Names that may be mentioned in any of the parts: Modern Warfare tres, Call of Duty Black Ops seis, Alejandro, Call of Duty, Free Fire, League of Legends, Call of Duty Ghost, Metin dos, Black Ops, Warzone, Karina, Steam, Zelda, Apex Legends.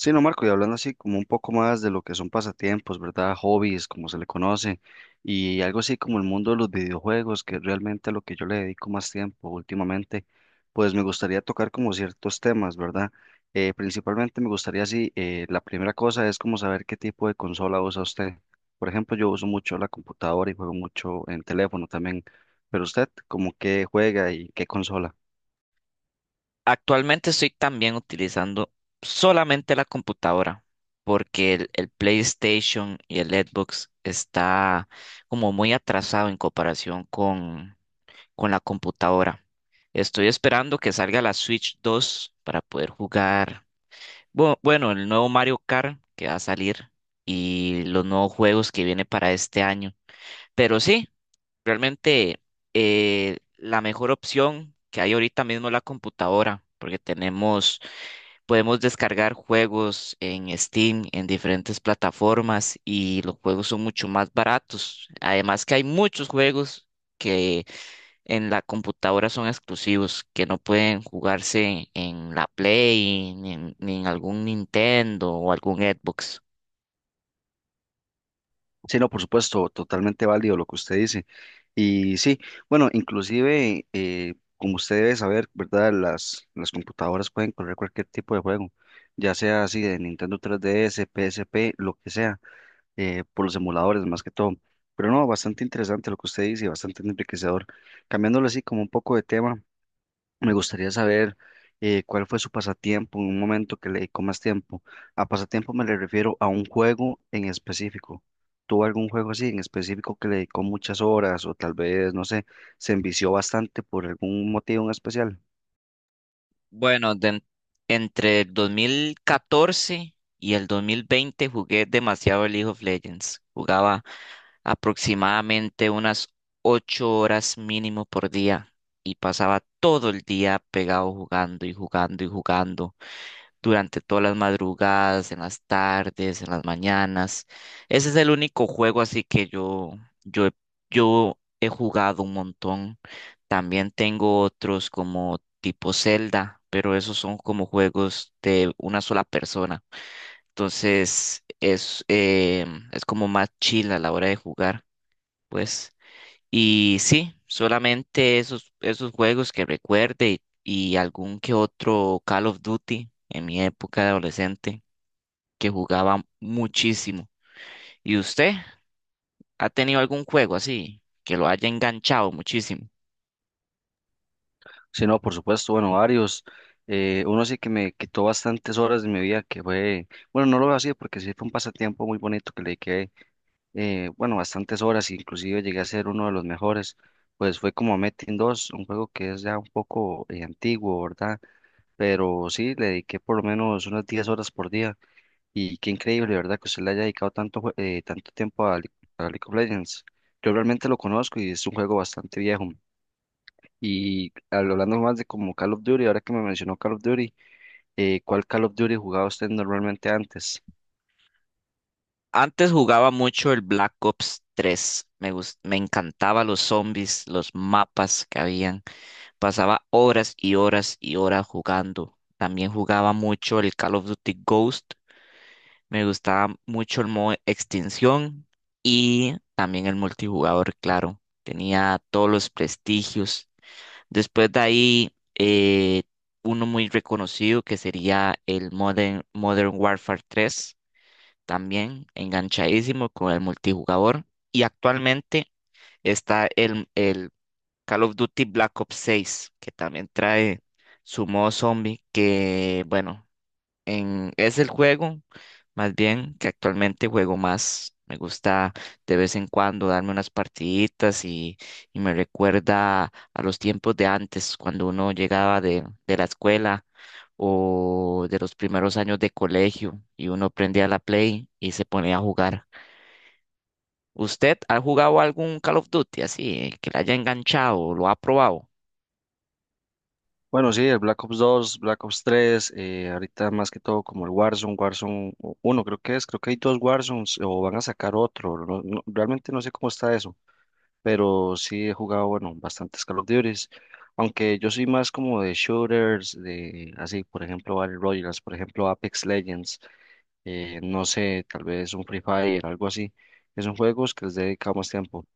Sí, no, Marco, y hablando así como un poco más de lo que son pasatiempos, ¿verdad? Hobbies, como se le conoce, y algo así como el mundo de los videojuegos, que es realmente a lo que yo le dedico más tiempo últimamente, pues me gustaría tocar como ciertos temas, ¿verdad? Principalmente me gustaría así, la primera cosa es como saber qué tipo de consola usa usted. Por ejemplo, yo uso mucho la computadora y juego mucho en teléfono también, pero usted, ¿como qué juega y qué consola? Actualmente estoy también utilizando solamente la computadora porque el PlayStation y el Xbox está como muy atrasado en comparación con la computadora. Estoy esperando que salga la Switch 2 para poder jugar bueno, el nuevo Mario Kart que va a salir y los nuevos juegos que viene para este año. Pero sí, realmente la mejor opción que hay ahorita mismo es la computadora porque tenemos. Podemos descargar juegos en Steam, en diferentes plataformas y los juegos son mucho más baratos. Además que hay muchos juegos que en la computadora son exclusivos, que no pueden jugarse en la Play, ni en algún Nintendo o algún Xbox. Sí, no, por supuesto, totalmente válido lo que usted dice. Y sí, bueno, inclusive, como usted debe saber, ¿verdad? Las computadoras pueden correr cualquier tipo de juego, ya sea así de Nintendo 3DS, PSP, lo que sea, por los emuladores más que todo. Pero no, bastante interesante lo que usted dice, y bastante enriquecedor. Cambiándolo así como un poco de tema, me gustaría saber cuál fue su pasatiempo en un momento que le dedicó más tiempo. A pasatiempo me le refiero a un juego en específico. ¿Tuvo algún juego así en específico que le dedicó muchas horas o tal vez, no sé, se envició bastante por algún motivo en especial? Bueno, entre el 2014 y el 2020 jugué demasiado League of Legends. Jugaba aproximadamente unas 8 horas mínimo por día y pasaba todo el día pegado jugando y jugando y jugando durante todas las madrugadas, en las tardes, en las mañanas. Ese es el único juego así que yo, he- yo he jugado un montón. También tengo otros como tipo Zelda, pero esos son como juegos de una sola persona. Entonces es es como más chill a la hora de jugar, pues. Y sí, solamente esos juegos que recuerde y algún que otro Call of Duty en mi época de adolescente que jugaba muchísimo. ¿Y usted ha tenido algún juego así que lo haya enganchado muchísimo? Sí, no, por supuesto, bueno, varios. Uno sí que me quitó bastantes horas de mi vida, que fue, bueno, no lo veo así porque sí fue un pasatiempo muy bonito que le dediqué bueno, bastantes horas, inclusive llegué a ser uno de los mejores, pues fue como Metin dos, un juego que es ya un poco antiguo, ¿verdad? Pero sí, le dediqué por lo menos unas 10 horas por día. Y qué increíble, ¿verdad? Que usted le haya dedicado tanto, tanto tiempo a, a League of Legends. Yo realmente lo conozco y es un juego bastante viejo. Y hablando más de como Call of Duty, ahora que me mencionó Call of Duty, ¿cuál Call of Duty jugaba usted normalmente antes? Antes jugaba mucho el Black Ops tres. Me encantaba los zombies, los mapas que habían. Pasaba horas y horas y horas jugando. También jugaba mucho el Call of Duty Ghost. Me gustaba mucho el modo extinción y también el multijugador, claro. Tenía todos los prestigios. Después de ahí, uno muy reconocido que sería el Modern Warfare tres, también enganchadísimo con el multijugador. Y actualmente está el Call of Duty Black Ops seis, que también trae su modo zombie, que bueno, es el juego, más bien, que actualmente juego más. Me gusta de vez en cuando darme unas partiditas y me recuerda a los tiempos de antes, cuando uno llegaba de la escuela o de los primeros años de colegio y uno prendía la Play y se ponía a jugar. ¿Usted ha jugado algún Call of Duty así, que le haya enganchado o lo ha probado? Bueno, sí, el Black Ops dos, Black Ops tres, ahorita más que todo como el Warzone, Warzone uno, creo que es, creo que hay dos Warzones o van a sacar otro, realmente no sé cómo está eso, pero sí he jugado, bueno, bastantes Call of Duties, aunque yo soy más como de shooters, de así, por ejemplo, Battle Royales, por ejemplo, Apex Legends, no sé, tal vez un Free Fire, algo así, que son juegos que les he dedicado más tiempo.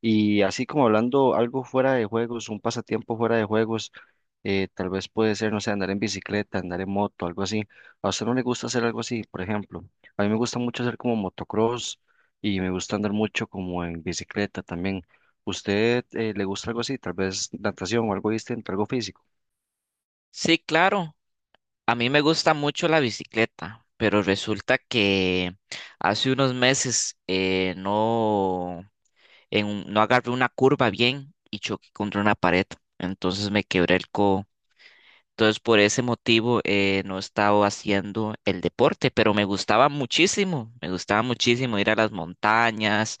Y así como hablando algo fuera de juegos, un pasatiempo fuera de juegos, tal vez puede ser, no sé, andar en bicicleta, andar en moto, algo así. A usted no le gusta hacer algo así, por ejemplo. A mí me gusta mucho hacer como motocross y me gusta andar mucho como en bicicleta también. ¿Usted le gusta algo así? Tal vez natación o algo distinto, algo físico. Sí, claro. A mí me gusta mucho la bicicleta, pero resulta que hace unos meses no agarré una curva bien y choqué contra una pared, entonces me quebré el codo. Entonces por ese motivo no he estado haciendo el deporte, pero me gustaba muchísimo ir a las montañas,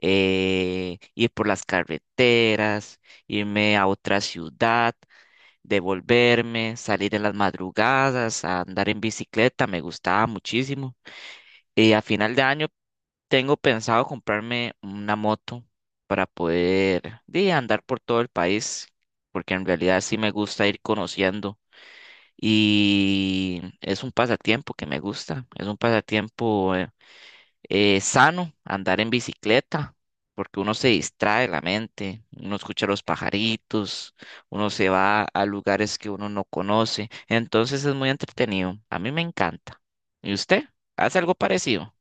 ir por las carreteras, irme a otra ciudad, devolverme, salir en las madrugadas, a andar en bicicleta, me gustaba muchísimo. Y a final de año tengo pensado comprarme una moto para poder andar por todo el país, porque en realidad sí me gusta ir conociendo, y es un pasatiempo que me gusta, es un pasatiempo sano andar en bicicleta, porque uno se distrae la mente, uno escucha los pajaritos, uno se va a lugares que uno no conoce, entonces es muy entretenido, a mí me encanta. ¿Y usted? ¿Hace algo parecido?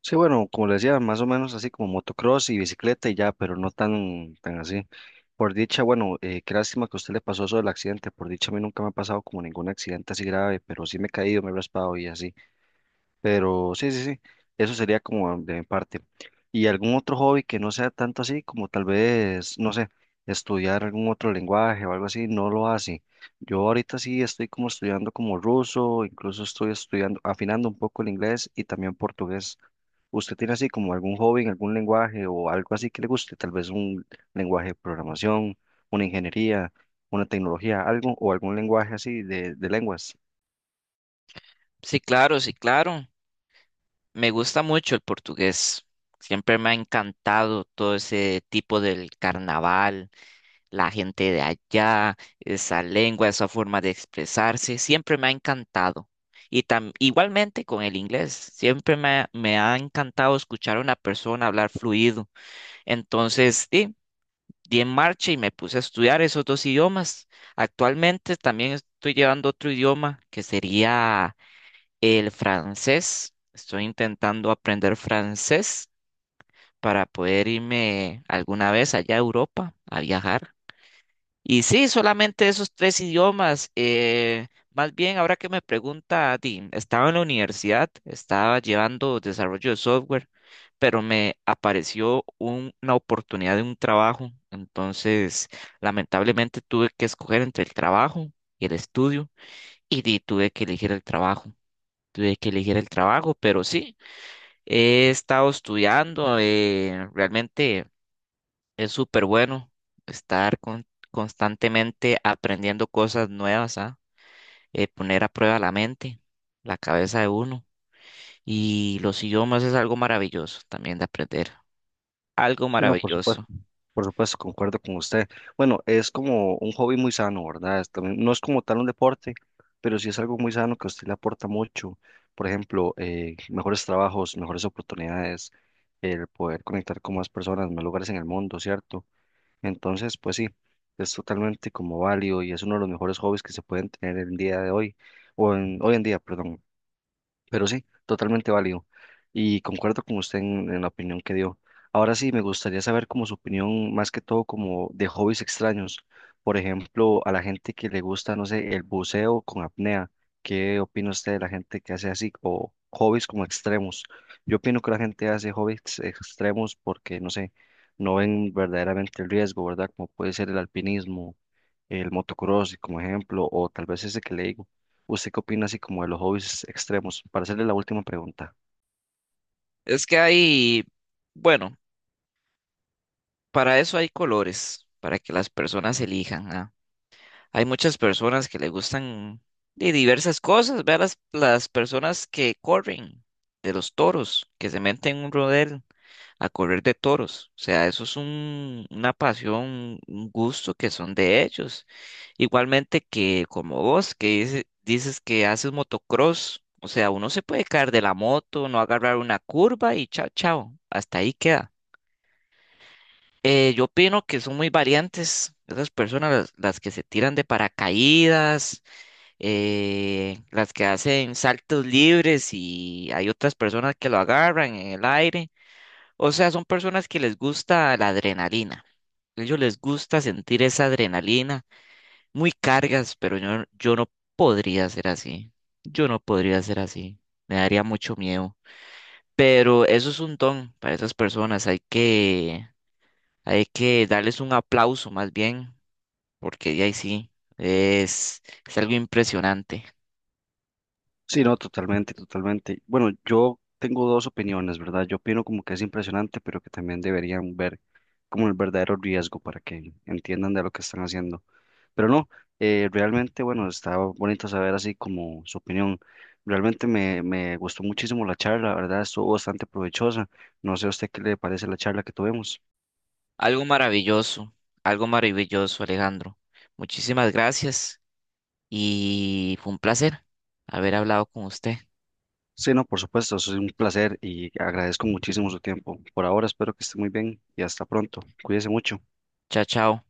Sí, bueno, como les decía, más o menos así como motocross y bicicleta y ya, pero no tan así. Por dicha, bueno, qué lástima que a usted le pasó eso del accidente. Por dicha, a mí nunca me ha pasado como ningún accidente así grave, pero sí me he caído, me he raspado y así. Pero sí, sí, sí, eso sería como de mi parte. ¿Y algún otro hobby que no sea tanto así, como tal vez, no sé, estudiar algún otro lenguaje o algo así? No lo hace. Yo ahorita sí estoy como estudiando como ruso, incluso estoy estudiando, afinando un poco el inglés y también portugués. ¿Usted tiene así como algún hobby en algún lenguaje o algo así que le guste? Tal vez un lenguaje de programación, una ingeniería, una tecnología, algo o algún lenguaje así de lenguas. Sí, claro, sí, claro. Me gusta mucho el portugués. Siempre me ha encantado todo ese tipo del carnaval, la gente de allá, esa lengua, esa forma de expresarse, siempre me ha encantado. Y igualmente con el inglés, siempre me ha encantado escuchar a una persona hablar fluido. Entonces, sí, di en marcha y me puse a estudiar esos dos idiomas. Actualmente también estoy llevando otro idioma que sería el francés. Estoy intentando aprender francés para poder irme alguna vez allá a Europa a viajar. Y sí, solamente esos tres idiomas. Más bien, ahora que me pregunta, di, estaba en la universidad, estaba llevando desarrollo de software, pero me apareció una oportunidad de un trabajo. Entonces, lamentablemente tuve que escoger entre el trabajo y el estudio, y di, tuve que elegir el trabajo. Tuve que elegir el trabajo, pero sí, he estado estudiando, realmente. Es súper bueno estar constantemente aprendiendo cosas nuevas, ¿ah? Poner a prueba la mente, la cabeza de uno. Y los idiomas es algo maravilloso también de aprender. Algo Sí, no, por supuesto. maravilloso. Por supuesto, concuerdo con usted. Bueno, es como un hobby muy sano, ¿verdad? Es también, no es como tal un deporte, pero sí es algo muy sano que a usted le aporta mucho. Por ejemplo, mejores trabajos, mejores oportunidades, el poder conectar con más personas, más lugares en el mundo, ¿cierto? Entonces, pues sí, es totalmente como válido y es uno de los mejores hobbies que se pueden tener el día de hoy, o en, hoy en día, perdón. Pero sí, totalmente válido. Y concuerdo con usted en la opinión que dio. Ahora sí, me gustaría saber como su opinión, más que todo como de hobbies extraños. Por ejemplo, a la gente que le gusta, no sé, el buceo con apnea. ¿Qué opina usted de la gente que hace así? O hobbies como extremos. Yo opino que la gente hace hobbies extremos porque, no sé, no ven verdaderamente el riesgo, ¿verdad? Como puede ser el alpinismo, el motocross, como ejemplo, o tal vez ese que le digo. ¿Usted qué opina así como de los hobbies extremos? Para hacerle la última pregunta. Es que hay, bueno, para eso hay colores, para que las personas elijan, ¿ah? Hay muchas personas que le gustan de diversas cosas. Vean las personas que corren de los toros, que se meten en un rodeo, a correr de toros. O sea, eso es una pasión, un gusto que son de ellos. Igualmente que como vos, que dices que haces motocross. O sea, uno se puede caer de la moto, no agarrar una curva y chao, chao. Hasta ahí queda. Yo opino que son muy variantes esas personas, las que se tiran de paracaídas, las que hacen saltos libres, y hay otras personas que lo agarran en el aire. O sea, son personas que les gusta la adrenalina. Ellos les gusta sentir esa adrenalina, muy cargas, pero yo no podría ser así. Yo no podría ser así. Me daría mucho miedo. Pero eso es un don para esas personas. Hay que darles un aplauso más bien, porque ya ahí sí, es algo impresionante, Sí, no, totalmente, totalmente. Bueno, yo tengo dos opiniones, ¿verdad? Yo opino como que es impresionante, pero que también deberían ver como el verdadero riesgo para que entiendan de lo que están haciendo. Pero no, realmente, bueno, está bonito saber así como su opinión. Realmente me gustó muchísimo la charla, la verdad, estuvo bastante provechosa. No sé a usted qué le parece la charla que tuvimos. algo maravilloso, algo maravilloso, Alejandro. Muchísimas gracias. Y fue un placer haber hablado con usted. Sí, no, por supuesto, eso es un placer y agradezco muchísimo su tiempo. Por ahora espero que esté muy bien y hasta pronto. Cuídese mucho. Chao, chao.